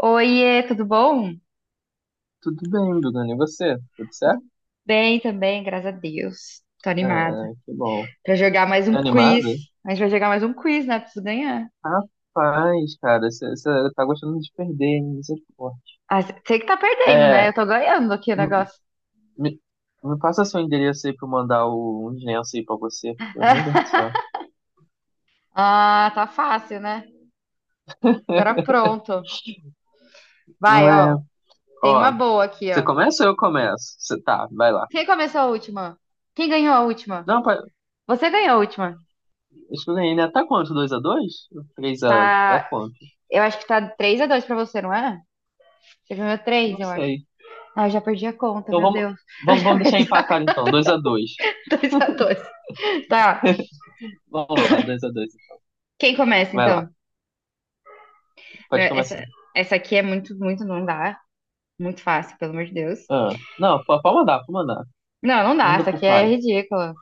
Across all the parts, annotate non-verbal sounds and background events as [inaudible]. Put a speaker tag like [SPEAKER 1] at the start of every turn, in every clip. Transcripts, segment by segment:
[SPEAKER 1] Oiê, tudo bom?
[SPEAKER 2] Tudo bem, Bruno, e você? Tudo certo?
[SPEAKER 1] Tudo bem também, graças a Deus. Tô animada
[SPEAKER 2] Ah, que bom.
[SPEAKER 1] pra jogar mais um
[SPEAKER 2] Tá
[SPEAKER 1] quiz.
[SPEAKER 2] animada?
[SPEAKER 1] A gente vai jogar mais um quiz, né? Preciso ganhar.
[SPEAKER 2] Rapaz, cara, você tá gostando de perder, hein? Misericórdia.
[SPEAKER 1] Ah, sei que tá perdendo, né?
[SPEAKER 2] É,
[SPEAKER 1] Eu tô ganhando aqui o
[SPEAKER 2] me,
[SPEAKER 1] negócio.
[SPEAKER 2] me me passa seu endereço aí pra eu mandar uns lenços aí pra você, porque, Meu Deus do
[SPEAKER 1] [laughs]
[SPEAKER 2] céu.
[SPEAKER 1] Ah, tá fácil, né? Agora pronto.
[SPEAKER 2] Não
[SPEAKER 1] Vai,
[SPEAKER 2] é.
[SPEAKER 1] ó. Tem uma
[SPEAKER 2] Ó,
[SPEAKER 1] boa aqui,
[SPEAKER 2] você
[SPEAKER 1] ó.
[SPEAKER 2] começa ou eu começo? Vai lá.
[SPEAKER 1] Quem começou a última? Quem ganhou a última?
[SPEAKER 2] Não,
[SPEAKER 1] Você ganhou a última.
[SPEAKER 2] acho que eu ganhei, né? Tá quanto? 2-2? Três a? Tá
[SPEAKER 1] Tá.
[SPEAKER 2] quanto?
[SPEAKER 1] Eu acho que tá 3 a 2 pra você, não é? Você ganhou três,
[SPEAKER 2] Não
[SPEAKER 1] eu acho.
[SPEAKER 2] sei.
[SPEAKER 1] Ah, eu já perdi a conta,
[SPEAKER 2] Então
[SPEAKER 1] meu
[SPEAKER 2] vamos,
[SPEAKER 1] Deus. [laughs] Eu
[SPEAKER 2] vamos, vamos
[SPEAKER 1] já
[SPEAKER 2] deixar
[SPEAKER 1] perdi a
[SPEAKER 2] empatar
[SPEAKER 1] conta.
[SPEAKER 2] então. Dois a dois.
[SPEAKER 1] 2 a 2. Tá.
[SPEAKER 2] [laughs] Vamos lá, dois a dois.
[SPEAKER 1] Quem começa,
[SPEAKER 2] Vai lá,
[SPEAKER 1] então? Meu,
[SPEAKER 2] pode
[SPEAKER 1] Essa,
[SPEAKER 2] começar.
[SPEAKER 1] essa aqui é muito, muito, não dá. Muito fácil, pelo amor de Deus.
[SPEAKER 2] Ah, não, pode mandar, pode mandar.
[SPEAKER 1] Não, não dá.
[SPEAKER 2] Manda
[SPEAKER 1] Essa
[SPEAKER 2] pro
[SPEAKER 1] aqui é
[SPEAKER 2] pai.
[SPEAKER 1] ridícula.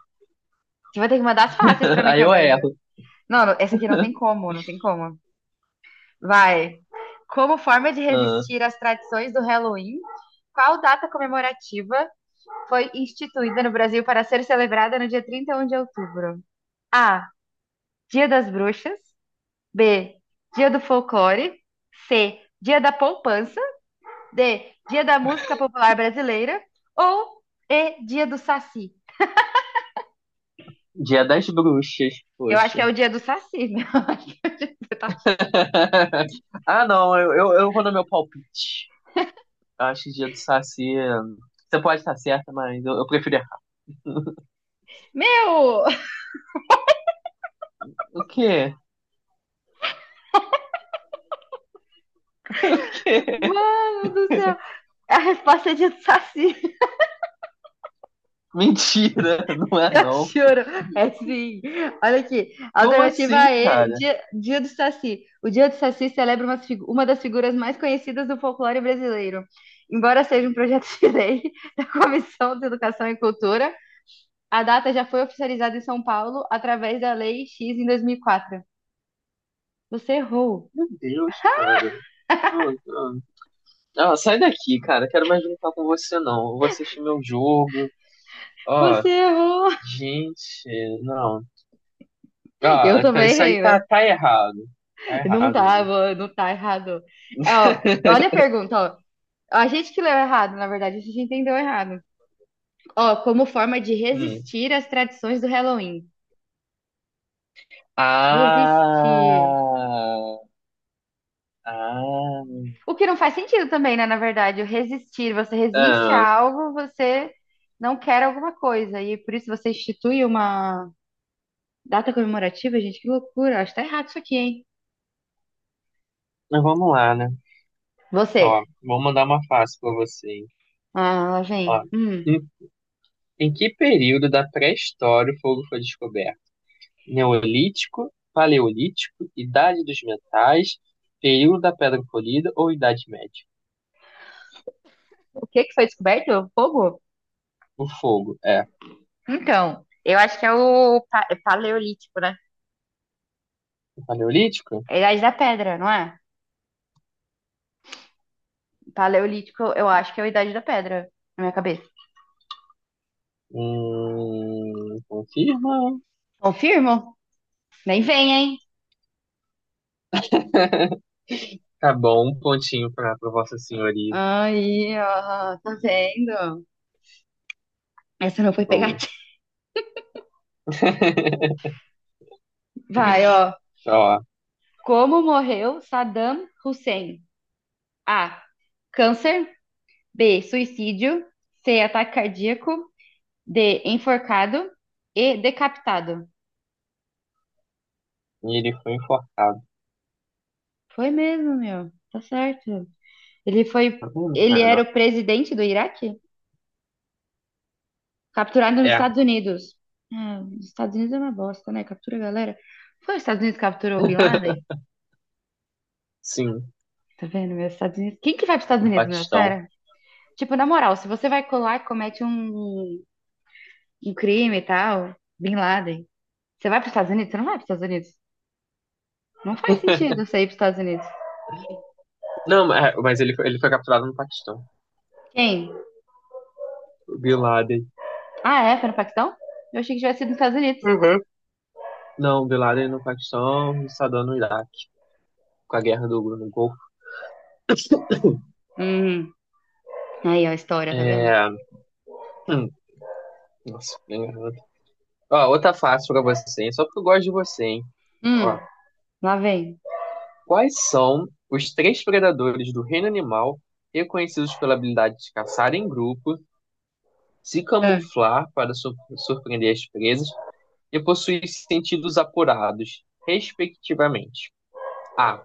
[SPEAKER 1] Você vai ter que mandar as fáceis pra
[SPEAKER 2] [laughs]
[SPEAKER 1] mim
[SPEAKER 2] Aí eu
[SPEAKER 1] também, viu?
[SPEAKER 2] erro.
[SPEAKER 1] Não, não, essa aqui não tem como, não tem como. Vai. Como forma de
[SPEAKER 2] Ah,
[SPEAKER 1] resistir às tradições do Halloween, qual data comemorativa foi instituída no Brasil para ser celebrada no dia 31 de outubro? A. Dia das Bruxas. B. Dia do Folclore. C. Dia da Poupança. D. Dia da Música Popular Brasileira. Ou E. Dia do Saci.
[SPEAKER 2] dia das bruxas,
[SPEAKER 1] Eu acho que
[SPEAKER 2] poxa.
[SPEAKER 1] é o dia do Saci, meu. [laughs] Eu acho que é o dia do Saci.
[SPEAKER 2] [laughs] Ah, não, eu vou no meu palpite. Eu acho que dia do Saci. Você pode estar certa, mas eu prefiro errar.
[SPEAKER 1] Meu!
[SPEAKER 2] O quê? O quê? [laughs]
[SPEAKER 1] Mano do céu! É, a resposta é dia do Saci. [laughs]
[SPEAKER 2] Mentira, não é
[SPEAKER 1] Eu
[SPEAKER 2] não.
[SPEAKER 1] juro. É sim. Olha aqui.
[SPEAKER 2] Como
[SPEAKER 1] Alternativa
[SPEAKER 2] assim,
[SPEAKER 1] E,
[SPEAKER 2] cara?
[SPEAKER 1] dia do Saci. O dia do Saci celebra uma das figuras mais conhecidas do folclore brasileiro. Embora seja um projeto de lei [laughs] da Comissão de Educação e Cultura, a data já foi oficializada em São Paulo através da Lei X em 2004. Você errou.
[SPEAKER 2] Meu Deus, cara. Não, não. Ah, sai daqui, cara. Quero mais brincar com você, não. Eu vou assistir meu jogo. Ó,
[SPEAKER 1] Você errou.
[SPEAKER 2] gente, não.
[SPEAKER 1] [laughs] Eu
[SPEAKER 2] Ah, então
[SPEAKER 1] também
[SPEAKER 2] isso aí
[SPEAKER 1] errei, né?
[SPEAKER 2] tá errado. Tá
[SPEAKER 1] Não
[SPEAKER 2] errado ali.
[SPEAKER 1] tava, não tá errado. É, ó, olha
[SPEAKER 2] [laughs]
[SPEAKER 1] a pergunta, ó. A gente que leu errado, na verdade, a gente entendeu errado. Ó, como forma de
[SPEAKER 2] Hum.
[SPEAKER 1] resistir às tradições do Halloween. Resistir.
[SPEAKER 2] Ah, ah,
[SPEAKER 1] O que não faz sentido também, né? Na verdade, o resistir. Você resiste a
[SPEAKER 2] ah.
[SPEAKER 1] algo, você não quer alguma coisa. E por isso você institui uma, data comemorativa, gente, que loucura. Acho que tá errado isso aqui, hein?
[SPEAKER 2] Mas vamos lá, né? Ó,
[SPEAKER 1] Você.
[SPEAKER 2] vou mandar uma fácil pra você, hein?
[SPEAKER 1] Ah, lá
[SPEAKER 2] Ó,
[SPEAKER 1] vem. Hum.
[SPEAKER 2] em, em que período da pré-história o fogo foi descoberto? Neolítico, Paleolítico, Idade dos Metais, período da Pedra Polida ou Idade Média?
[SPEAKER 1] O que que foi descoberto? Fogo?
[SPEAKER 2] O fogo é
[SPEAKER 1] Então, eu acho que é paleolítico, né?
[SPEAKER 2] o Paleolítico?
[SPEAKER 1] É a Idade da Pedra, não é? Paleolítico, eu acho que é a Idade da Pedra, na minha cabeça.
[SPEAKER 2] Confirma.
[SPEAKER 1] Confirmo? Nem vem, hein?
[SPEAKER 2] [laughs] Tá bom, um pontinho pra Vossa Senhoria.
[SPEAKER 1] Aí, ó, tá vendo? Essa não foi
[SPEAKER 2] Boa.
[SPEAKER 1] pegativa.
[SPEAKER 2] [laughs]
[SPEAKER 1] Vai, ó.
[SPEAKER 2] Ó,
[SPEAKER 1] Como morreu Saddam Hussein? A. Câncer. B. Suicídio. C. Ataque cardíaco. De enforcado e decapitado.
[SPEAKER 2] e ele foi enforcado.
[SPEAKER 1] Foi mesmo, meu. Tá certo. Ele foi.
[SPEAKER 2] Tá vendo,
[SPEAKER 1] Ele
[SPEAKER 2] cara?
[SPEAKER 1] era o presidente do Iraque? Capturado nos
[SPEAKER 2] É,
[SPEAKER 1] Estados Unidos. É, os Estados Unidos é uma bosta, né? Captura a galera. Foi os Estados Unidos que capturou o Bin Laden?
[SPEAKER 2] [laughs] sim,
[SPEAKER 1] Tá vendo, meu? Os Estados Unidos. Quem que vai pros Estados
[SPEAKER 2] no
[SPEAKER 1] Unidos, meu?
[SPEAKER 2] Paquistão.
[SPEAKER 1] Sério? Tipo, na moral, se você vai colar e comete um crime e tal, Bin Laden, você vai pros Estados Unidos? Você não vai pros Estados Unidos. Não faz sentido você ir pros Estados Unidos.
[SPEAKER 2] Não, mas ele foi capturado no Paquistão.
[SPEAKER 1] Quem?
[SPEAKER 2] O Bin Laden.
[SPEAKER 1] Ah, é? Foi no Paquistão? Eu achei que tivesse sido nos Estados Unidos.
[SPEAKER 2] Uhum. Não, o Bin Laden no Paquistão e o Saddam no Iraque, com a guerra do no Golfo.
[SPEAKER 1] Hum. Aí, ó, a história, tá vendo?
[SPEAKER 2] É. hum, Nossa, bem garoto. Ó, outra fácil pra você, hein? Só porque eu gosto de você, hein?
[SPEAKER 1] Hum,
[SPEAKER 2] Ó,
[SPEAKER 1] lá vem.
[SPEAKER 2] quais são os três predadores do reino animal reconhecidos pela habilidade de caçar em grupo, se
[SPEAKER 1] É.
[SPEAKER 2] camuflar para surpreender as presas e possuir sentidos apurados, respectivamente. A.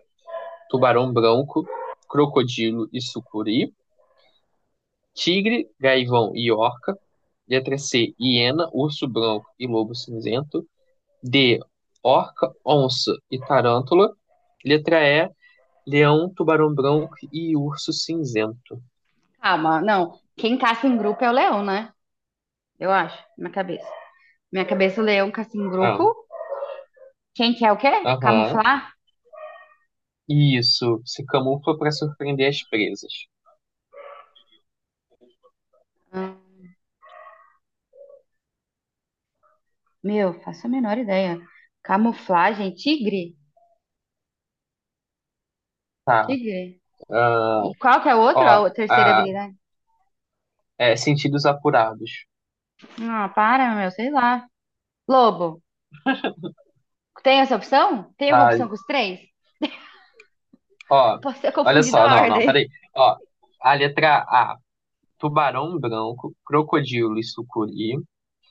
[SPEAKER 2] Tubarão branco, crocodilo e sucuri. Tigre, gaivão e orca. Letra C. Hiena, urso branco e lobo cinzento. D. Orca, onça e tarântula. Letra E. Leão, tubarão branco e urso cinzento.
[SPEAKER 1] Calma, não. Quem caça em grupo é o leão, né? Eu acho, na minha cabeça. Minha cabeça, o leão caça em
[SPEAKER 2] Ah,
[SPEAKER 1] grupo. Quem quer o quê?
[SPEAKER 2] aham.
[SPEAKER 1] Camuflar?
[SPEAKER 2] Isso. Se camufla para surpreender as presas.
[SPEAKER 1] Ah, meu, faço a menor ideia. Camuflagem, tigre?
[SPEAKER 2] Tá.
[SPEAKER 1] Tigre.
[SPEAKER 2] Ah,
[SPEAKER 1] E qual que é o outro? A
[SPEAKER 2] Ó,
[SPEAKER 1] o- terceira
[SPEAKER 2] ah,
[SPEAKER 1] habilidade?
[SPEAKER 2] é, sentidos apurados.
[SPEAKER 1] Ah, para, meu, sei lá. Lobo. Tem essa opção? Tem alguma
[SPEAKER 2] Tá,
[SPEAKER 1] opção com os três? Eu
[SPEAKER 2] ó,
[SPEAKER 1] posso ter
[SPEAKER 2] olha
[SPEAKER 1] confundido
[SPEAKER 2] só,
[SPEAKER 1] a
[SPEAKER 2] não, não,
[SPEAKER 1] ordem.
[SPEAKER 2] peraí. Ó, a letra A, tubarão branco, crocodilo e sucuri.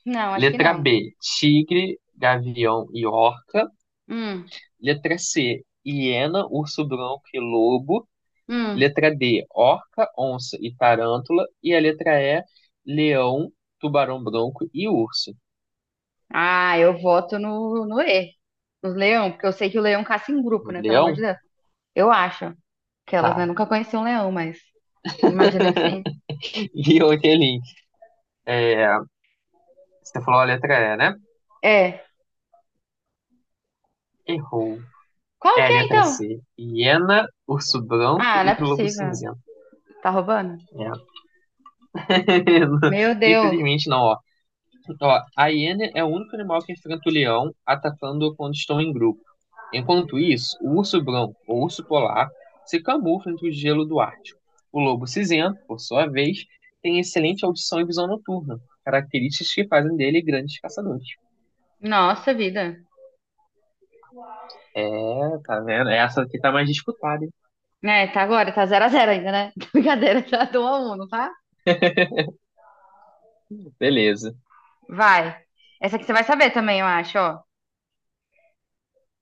[SPEAKER 1] Não, acho que
[SPEAKER 2] Letra
[SPEAKER 1] não.
[SPEAKER 2] B, tigre, gavião e orca.
[SPEAKER 1] Hum,
[SPEAKER 2] Letra C, hiena, urso branco e lobo.
[SPEAKER 1] hum.
[SPEAKER 2] Letra D, orca, onça e tarântula. E a letra E, leão, tubarão branco e urso.
[SPEAKER 1] Ah, eu voto no E, no leão, porque eu sei que o leão caça em grupo, né? Pelo amor de
[SPEAKER 2] Leão?
[SPEAKER 1] Deus. Eu acho que elas,
[SPEAKER 2] Tá.
[SPEAKER 1] né, nunca conheciam um leão, mas imagino que sim.
[SPEAKER 2] [laughs] E o link. É, você falou a letra E, né?
[SPEAKER 1] É.
[SPEAKER 2] Errou.
[SPEAKER 1] Qual
[SPEAKER 2] É,
[SPEAKER 1] que é,
[SPEAKER 2] letra
[SPEAKER 1] então?
[SPEAKER 2] C. Hiena, urso branco
[SPEAKER 1] Ah, não é
[SPEAKER 2] e lobo
[SPEAKER 1] possível.
[SPEAKER 2] cinzento.
[SPEAKER 1] Tá roubando?
[SPEAKER 2] É. [laughs]
[SPEAKER 1] Meu Deus.
[SPEAKER 2] Infelizmente não, ó. Ó, a hiena é o único animal que enfrenta o leão, atacando-o quando estão em grupo. Enquanto isso, o urso branco, ou urso polar, se camufla entre o gelo do Ártico. O lobo cinzento, por sua vez, tem excelente audição e visão noturna, características que fazem dele grandes caçadores.
[SPEAKER 1] Nossa vida.
[SPEAKER 2] É, tá vendo? Essa aqui tá mais disputada, hein?
[SPEAKER 1] É, tá agora, tá zero a 0 ainda, né? [laughs] Brincadeira, tá 1 a 1, não tá?
[SPEAKER 2] Beleza.
[SPEAKER 1] Vai. Essa aqui você vai saber também, eu acho, ó.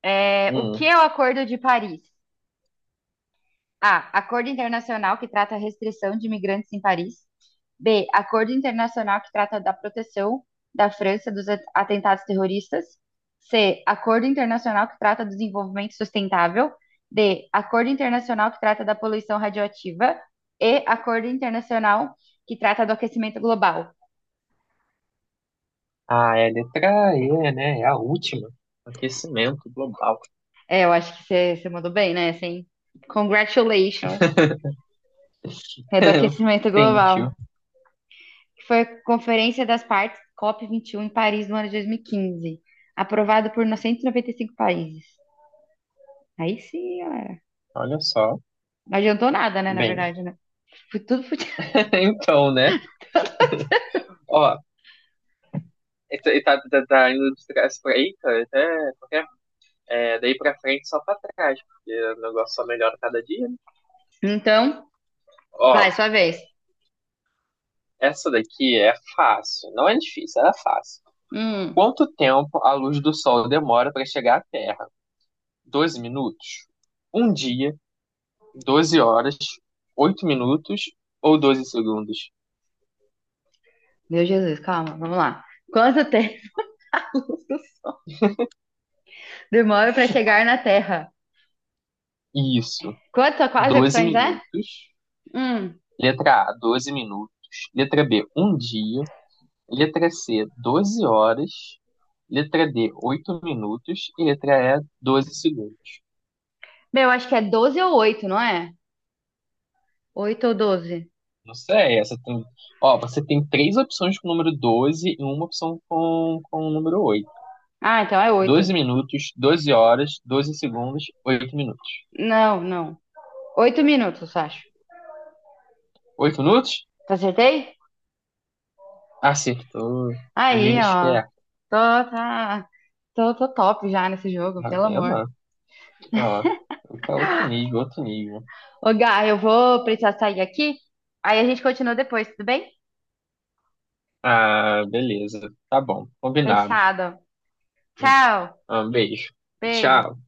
[SPEAKER 1] É, o que
[SPEAKER 2] Hum.
[SPEAKER 1] é o Acordo de Paris? A. Acordo internacional que trata a restrição de imigrantes em Paris. B. Acordo internacional que trata da proteção da França dos atentados terroristas. C. Acordo internacional que trata do desenvolvimento sustentável. D. Acordo internacional que trata da poluição radioativa. E. Acordo internacional que trata do aquecimento global.
[SPEAKER 2] Ah, é a letra E, né? É a última. Aquecimento global.
[SPEAKER 1] É, eu acho que você mandou bem, né? Assim, congratulations. É do
[SPEAKER 2] [laughs]
[SPEAKER 1] aquecimento global,
[SPEAKER 2] Thank you.
[SPEAKER 1] que foi a Conferência das Partes COP21 em Paris no ano de 2015, aprovado por 195 países. Aí sim, galera.
[SPEAKER 2] Olha só.
[SPEAKER 1] Não adiantou nada, né, na
[SPEAKER 2] Bem,
[SPEAKER 1] verdade, né? Foi tudo fudido.
[SPEAKER 2] [laughs] então, né? Ó, e tá tá indo de trás pra aí, cara, até porque é, daí pra frente só pra trás, porque o negócio só melhora cada dia, né?
[SPEAKER 1] Então,
[SPEAKER 2] Ó,
[SPEAKER 1] vai, sua vez.
[SPEAKER 2] essa daqui é fácil. Não é difícil, ela é fácil.
[SPEAKER 1] Hum,
[SPEAKER 2] Quanto tempo a luz do sol demora pra chegar à Terra? 12 minutos? Um dia, 12 horas, 8 minutos ou 12 segundos?
[SPEAKER 1] meu Jesus, calma, vamos lá. Quanto tempo [laughs] do Sol demora para chegar na Terra?
[SPEAKER 2] Isso.
[SPEAKER 1] Quanto, quais
[SPEAKER 2] doze
[SPEAKER 1] opções é?
[SPEAKER 2] minutos.
[SPEAKER 1] Hum,
[SPEAKER 2] Letra A, 12 minutos. Letra B, um dia. Letra C, 12 horas. Letra D, 8 minutos. E letra E, 12 segundos.
[SPEAKER 1] meu, acho que é 12 ou 8, não é? 8 ou 12?
[SPEAKER 2] Não sei, essa tem. Ó, você tem três opções com o número 12 e uma opção com, o número oito.
[SPEAKER 1] Ah, então é
[SPEAKER 2] Doze
[SPEAKER 1] 8.
[SPEAKER 2] minutos, 12 horas, 12 segundos, oito minutos.
[SPEAKER 1] Não, não. 8 minutos, acho.
[SPEAKER 2] Oito minutos?
[SPEAKER 1] Acertei?
[SPEAKER 2] Acertou.
[SPEAKER 1] Aí,
[SPEAKER 2] Menino
[SPEAKER 1] ó.
[SPEAKER 2] esperto.
[SPEAKER 1] Tô, tá, tô top já nesse jogo,
[SPEAKER 2] Tá
[SPEAKER 1] pelo amor.
[SPEAKER 2] vendo? Ó, outro nível, outro nível.
[SPEAKER 1] Ô, Gá, eu vou precisar sair aqui. Aí a gente continua depois, tudo bem?
[SPEAKER 2] Ah, beleza. Tá bom. Combinado.
[SPEAKER 1] Fechado. Tchau.
[SPEAKER 2] Um beijo.
[SPEAKER 1] Beijo.
[SPEAKER 2] Tchau.